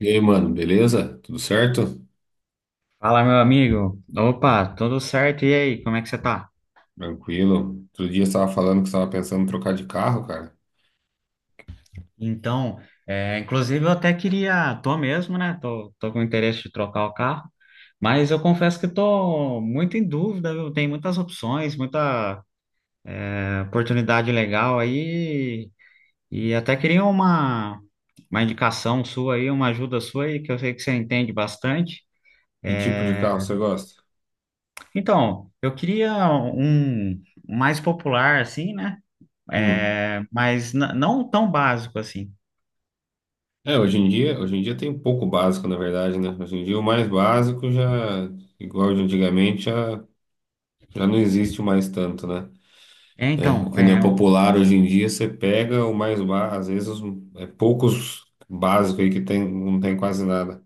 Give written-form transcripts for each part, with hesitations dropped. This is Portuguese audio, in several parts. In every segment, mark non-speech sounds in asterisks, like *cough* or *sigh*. E aí, mano, beleza? Tudo certo? Fala, meu amigo. Opa, tudo certo? E aí, como é que você tá? Tranquilo. Outro dia você estava falando que você estava pensando em trocar de carro, cara. Então, inclusive eu até queria, tô mesmo, né? Tô com interesse de trocar o carro, mas eu confesso que tô muito em dúvida, viu? Tem muitas opções, muita oportunidade legal aí, e até queria uma indicação sua aí, uma ajuda sua aí, que eu sei que você entende bastante. Que tipo de carro você gosta? Então, eu queria um mais popular, assim, né? Hum. Mas não tão básico assim. É, hoje em dia tem um pouco básico, na verdade, né? Hoje em dia o mais básico já, igual de antigamente, já não existe mais tanto, né? É, O então, que não é, é popular hoje em dia, você pega o mais básico, às vezes os, é poucos básicos aí que tem, não tem quase nada.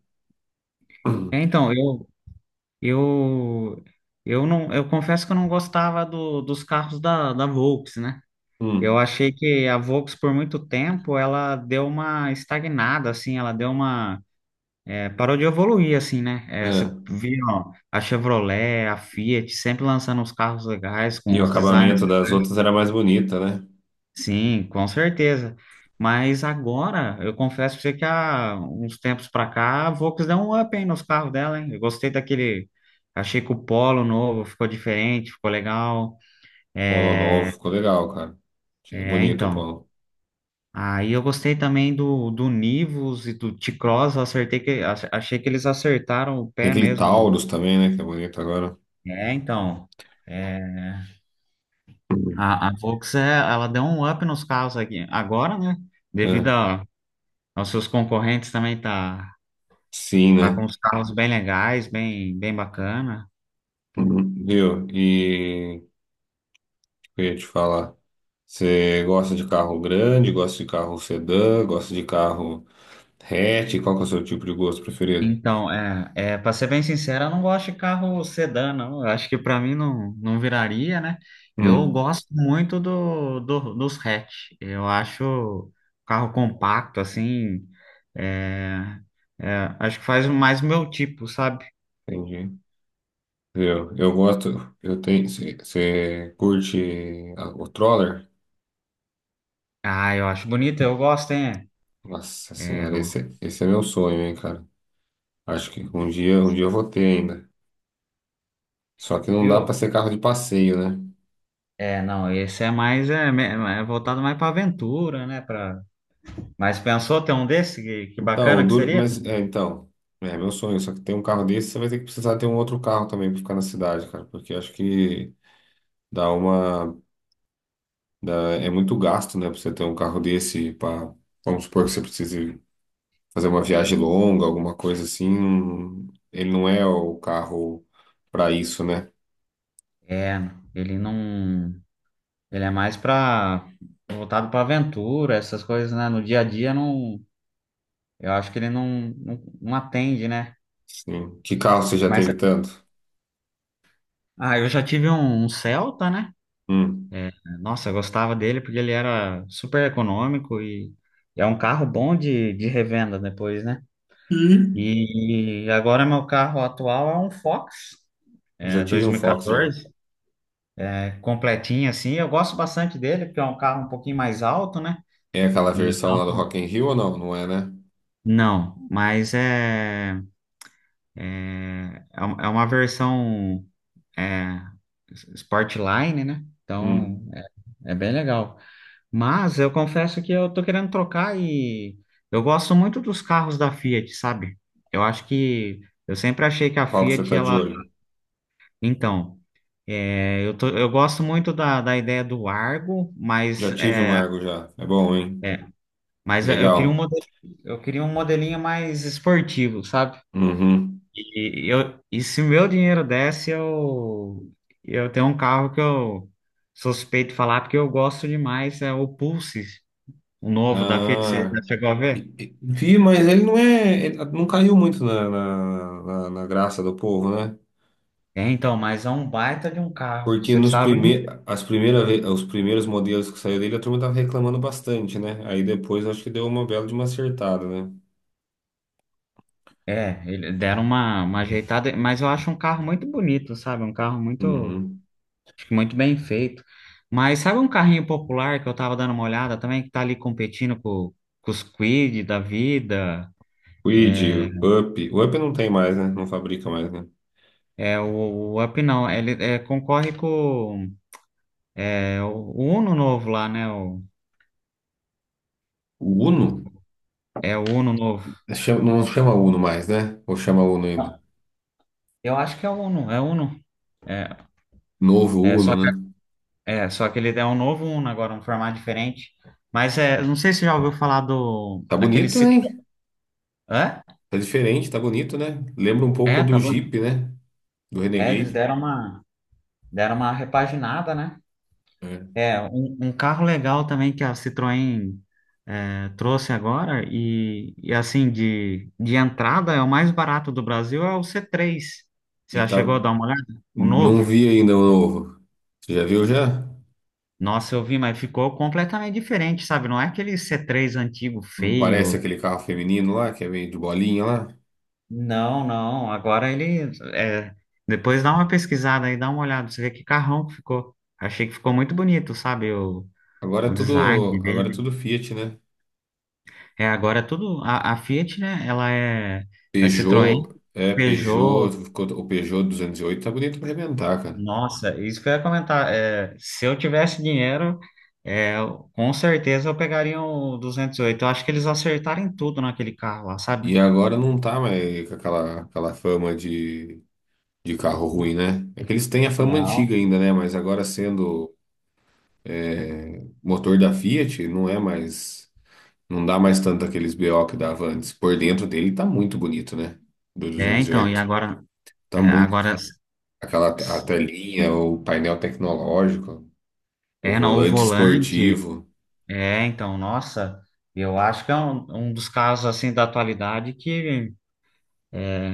é, *clears throat* então, eu, eu não, eu confesso que eu não gostava dos carros da Volks, né? Eu Hum. achei que a Volks por muito tempo ela deu uma estagnada, assim, ela deu uma, é, parou de evoluir, assim, né? É, você É. viu ó, a Chevrolet, a Fiat sempre lançando os carros legais E com o os designs. acabamento das outras era mais bonita, né? Sim, com certeza. Mas agora, eu confesso pra você que há uns tempos pra cá, a Volks deu um up, hein, nos carros dela, hein? Eu gostei daquele. Achei que o Polo novo ficou diferente, ficou legal. Polo É, novo, ficou legal, cara. É é, bonito o então. polo. Aí eu gostei também do Nivus e do T-Cross. Eu acertei que, ach- achei que eles acertaram o Tem pé aquele mesmo, não? Taurus também, né? Que é bonito agora. Então. É, Uhum. a Volks, ela deu um up nos carros aqui. Agora, né? Devido É, aos seus concorrentes também tá. sim, Tá né? com uns carros bem legais, bem bacana. Uhum. Viu? E o que eu ia te falar. Você gosta de carro grande, gosta de carro sedã, gosta de carro hatch? Qual que é o seu tipo de gosto preferido? Então, para ser bem sincero, eu não gosto de carro sedã, não. Eu acho que para mim não, não viraria, né? Eu Hum, gosto muito dos hatch. Eu acho carro compacto, assim. é, acho que faz mais o meu tipo, sabe? entendi. Viu? Eu gosto. Eu tenho. Você curte o Troller? Ah, eu acho bonito, eu gosto, hein? Nossa É, senhora, esse é meu sonho, hein, cara. Acho que um dia eu vou ter ainda. Só que não dá para Viu? ser carro de passeio, né? Não, esse é mais é voltado mais para aventura, né? Pra... Mas pensou ter um desse? Que Então, o bacana que dura... seria? mas é, então, é meu sonho, só que ter um carro desse, você vai ter que precisar ter um outro carro também para ficar na cidade, cara, porque eu acho que dá uma é muito gasto, né, para você ter um carro desse para vamos supor que você precise fazer uma viagem longa, alguma coisa assim, ele não é o carro para isso, né? É, ele não. Ele é mais pra, voltado pra aventura, essas coisas, né? No dia a dia, não. Eu acho que ele não, não, não atende, né? Sim. Que carro você já Mas, teve tanto? ah, eu já tive um Celta, né? Hum. É, Nossa, eu gostava dele porque ele era super econômico e é um carro bom de revenda depois, né? Ih. E agora meu carro atual é um Fox, Já é tive um Fox já. 2014, é completinho assim. Eu gosto bastante dele porque é um carro um pouquinho mais alto, né? É aquela versão Então. lá do Rock in Rio ou não? Não é, né? Não, mas é uma versão é, Sportline, né? Então Hum. É bem legal. Mas eu confesso que eu tô querendo trocar e eu gosto muito dos carros da Fiat, sabe? Eu acho que eu sempre achei que a Qual que você Fiat, tá de ela. olho? Então, eu tô, eu gosto muito da ideia do Argo, Já tive um Argo já. É bom, hein? é, mas Legal. Eu queria um modelinho mais esportivo, sabe? Uhum. E se meu dinheiro desse, eu tenho um carro que eu suspeito de falar porque eu gosto demais, é o Pulse, o novo da Fiat, você Ah, já chegou a ver? Vi, mas ele não é. Ele não caiu muito na, na graça do povo, né? Então, mas é um baita de um carro, Porque você nos precisava... prime, as primeiras, ve- os primeiros modelos que saiu dele, a turma tava reclamando bastante, né? Aí depois acho que deu uma bela de uma acertada, né? Deram uma ajeitada, mas eu acho um carro muito bonito, sabe? Um carro muito, Uhum. acho que muito bem feito. Mas sabe um carrinho popular que eu tava dando uma olhada também, que tá ali competindo com os Kwid da vida? Quid, Up. O Up não tem mais, né? Não fabrica mais, né? É, o, o Up não, ele concorre com o Uno novo lá, né? O, O Uno? é o Uno novo. Não chama Uno mais, né? Ou chama Uno ainda? Não, eu acho que é o Uno, é o Uno. É, Novo é, Uno, só que, né? só que ele é um novo Uno agora, um formato diferente. Mas não sei se você já ouviu falar do Tá aquele bonito, Citroën. hein? Hã? Tá diferente, tá bonito, né? Lembra um pouco É, do tá bom. Jeep, né? Do Eles Renegade. deram uma repaginada, né? É. Um carro legal também que a Citroën trouxe agora, e assim, de entrada, é o mais barato do Brasil, é o C3. Você E já tá. chegou a dar uma olhada? O novo? Não vi ainda o novo. Você já viu já? Nossa, eu vi, mas ficou completamente diferente, sabe? Não é aquele C3 antigo, Não parece feio. aquele carro feminino lá, que é meio de bolinha lá? Não, não. Depois dá uma pesquisada aí, dá uma olhada, você vê que carrão que ficou. Achei que ficou muito bonito, sabe? O, Agora é o design tudo, agora é dele. tudo Fiat, né? Agora é tudo. A Fiat, né? Ela é Citroën, Peugeot, é, Peugeot, Peugeot. ficou- o Peugeot 208 tá bonito pra arrebentar, cara. Nossa, isso que eu ia comentar. Se eu tivesse dinheiro, com certeza eu pegaria o 208. Eu acho que eles acertaram em tudo naquele carro lá, sabe? E agora não tá mais com aquela fama de carro ruim, né? É que eles têm a fama antiga Não. ainda, né? Mas agora sendo motor da Fiat, não é mais. Não dá mais tanto aqueles B o que dava antes. Por dentro dele tá muito bonito, né? Do Então, e 208. agora. Tá muito. Agora. A telinha, o painel tecnológico, o Não, o volante volante. esportivo, Então, nossa. Eu acho que é um dos carros assim da atualidade que.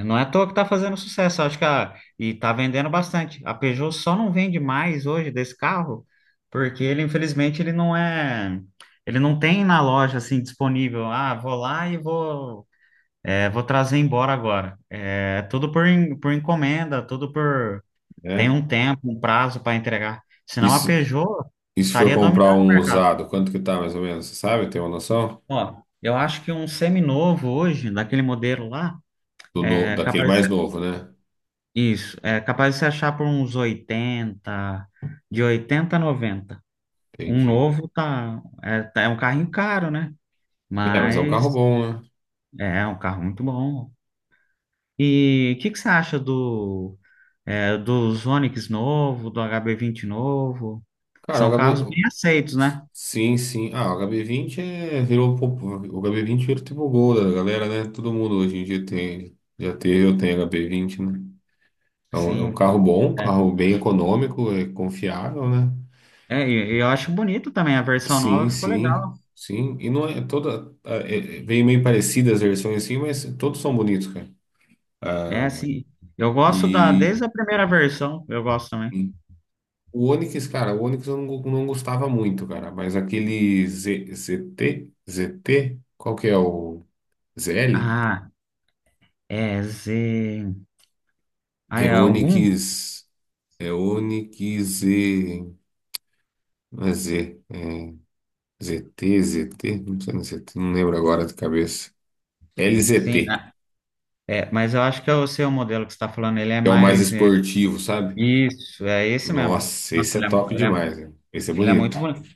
Não é à toa que tá fazendo sucesso, e tá vendendo bastante. A Peugeot só não vende mais hoje desse carro, porque ele, infelizmente, ele não é, ele não tem na loja assim disponível. Ah, vou lá e vou trazer embora agora. É tudo por encomenda, tudo por tem né? um tempo, um prazo para entregar. E Senão a se, Peugeot e se for estaria comprar dominando o um mercado. usado, quanto que tá mais ou menos? Você sabe? Tem uma noção? Ó, eu acho que um seminovo hoje, daquele modelo lá, Do é daquele capaz. mais novo, né? Isso, é capaz de você achar por uns 80, de 80 a 90. Um Entendi. novo tá, é um carrinho caro, né? É, mas é um carro Mas bom, né? é um carro muito bom. E o que, que você acha dos Onix novo, do HB20 novo? Cara, São o H B. carros bem aceitos, né? Sim, sim. Ah, o H B 20 virou tipo o gol da galera, né? Todo mundo hoje em dia tem. Já teve, eu tenho H-B 20, né? É um Sim. carro bom, um É, carro bem econômico, é confiável, né? E eu acho bonito também, a versão Sim, nova ficou sim, legal. sim. E não é toda. Vem meio parecidas as versões assim, mas todos são bonitos, cara. Ah, É, sim, e, desde a primeira versão, eu gosto também. e o Onix, cara, o Onix eu não gostava muito, cara. Mas aquele Z, ZT, ZT, qual que é o ZL? Ah, Z. Ah, É é algum. Onix. É Onix Z. Não é Z. É ZT, ZT. Não sei, não sei, não lembro agora de cabeça. Sim, LZT, mas eu acho que é o seu modelo que você está falando, ele é que é o mais mais. É, esportivo, sabe? isso, é esse mesmo. Nossa, Nossa, esse é ele é, top ele é, demais, né? Esse é ele é bonito. muito bonito.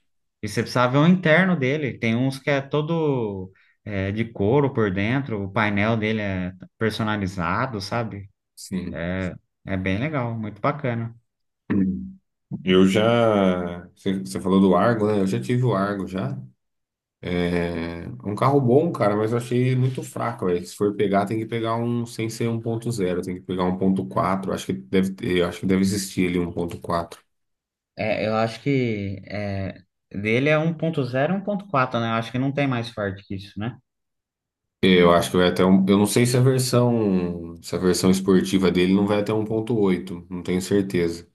E você precisava ver o interno dele. Tem uns que é todo de couro por dentro, o painel dele é personalizado, sabe? Sim. É bem legal, muito bacana. Eu já. Você falou do Argo, né? Eu já tive o Argo já. É um carro bom, cara, mas eu achei muito fraco, velho. Se for pegar, tem que pegar um sem ser 1.0, tem que pegar um 1.4. Acho que deve ter, eu acho que deve existir ali um 1.4. Eu acho que dele é 1.0 e 1.4, né? Eu acho que não tem mais forte que isso, né? Eu acho que vai até um, eu não sei se a versão esportiva dele não vai até um 1.8, não tenho certeza.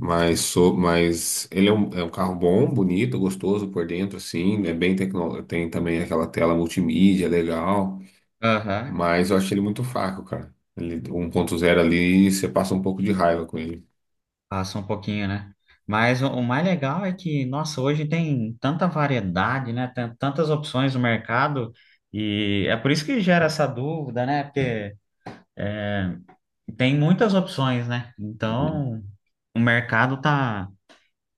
Mas ele é um, carro bom, bonito, gostoso por dentro, assim, é bem tecno, tem também aquela tela multimídia legal, Aham. mas eu acho ele muito fraco, cara. Ele 1.0 ali, você passa um pouco de raiva com ele. Passa um pouquinho, né? Mas o mais legal é que, nossa, hoje tem tanta variedade, né? Tem tantas opções no mercado e é por isso que gera essa dúvida, né? Porque é, tem muitas opções, né? Uhum. Então, o mercado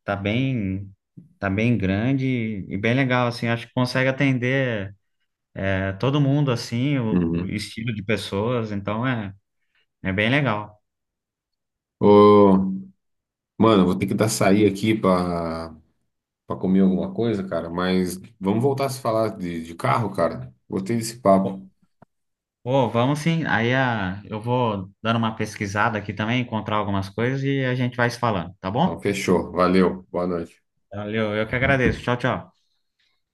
tá bem, tá bem grande e bem legal, assim. Acho que consegue atender todo mundo, assim, o Uhum. estilo de pessoas. Então, é bem legal. Ô, mano, vou ter que dar sair aqui pra comer alguma coisa, cara, mas vamos voltar a se falar de carro, cara. Gostei desse papo. Pô, vamos sim. Aí eu vou dando uma pesquisada aqui também, encontrar algumas coisas e a gente vai se falando, tá Então, bom? fechou. Valeu. Boa noite. Valeu, eu que agradeço. Tchau, tchau.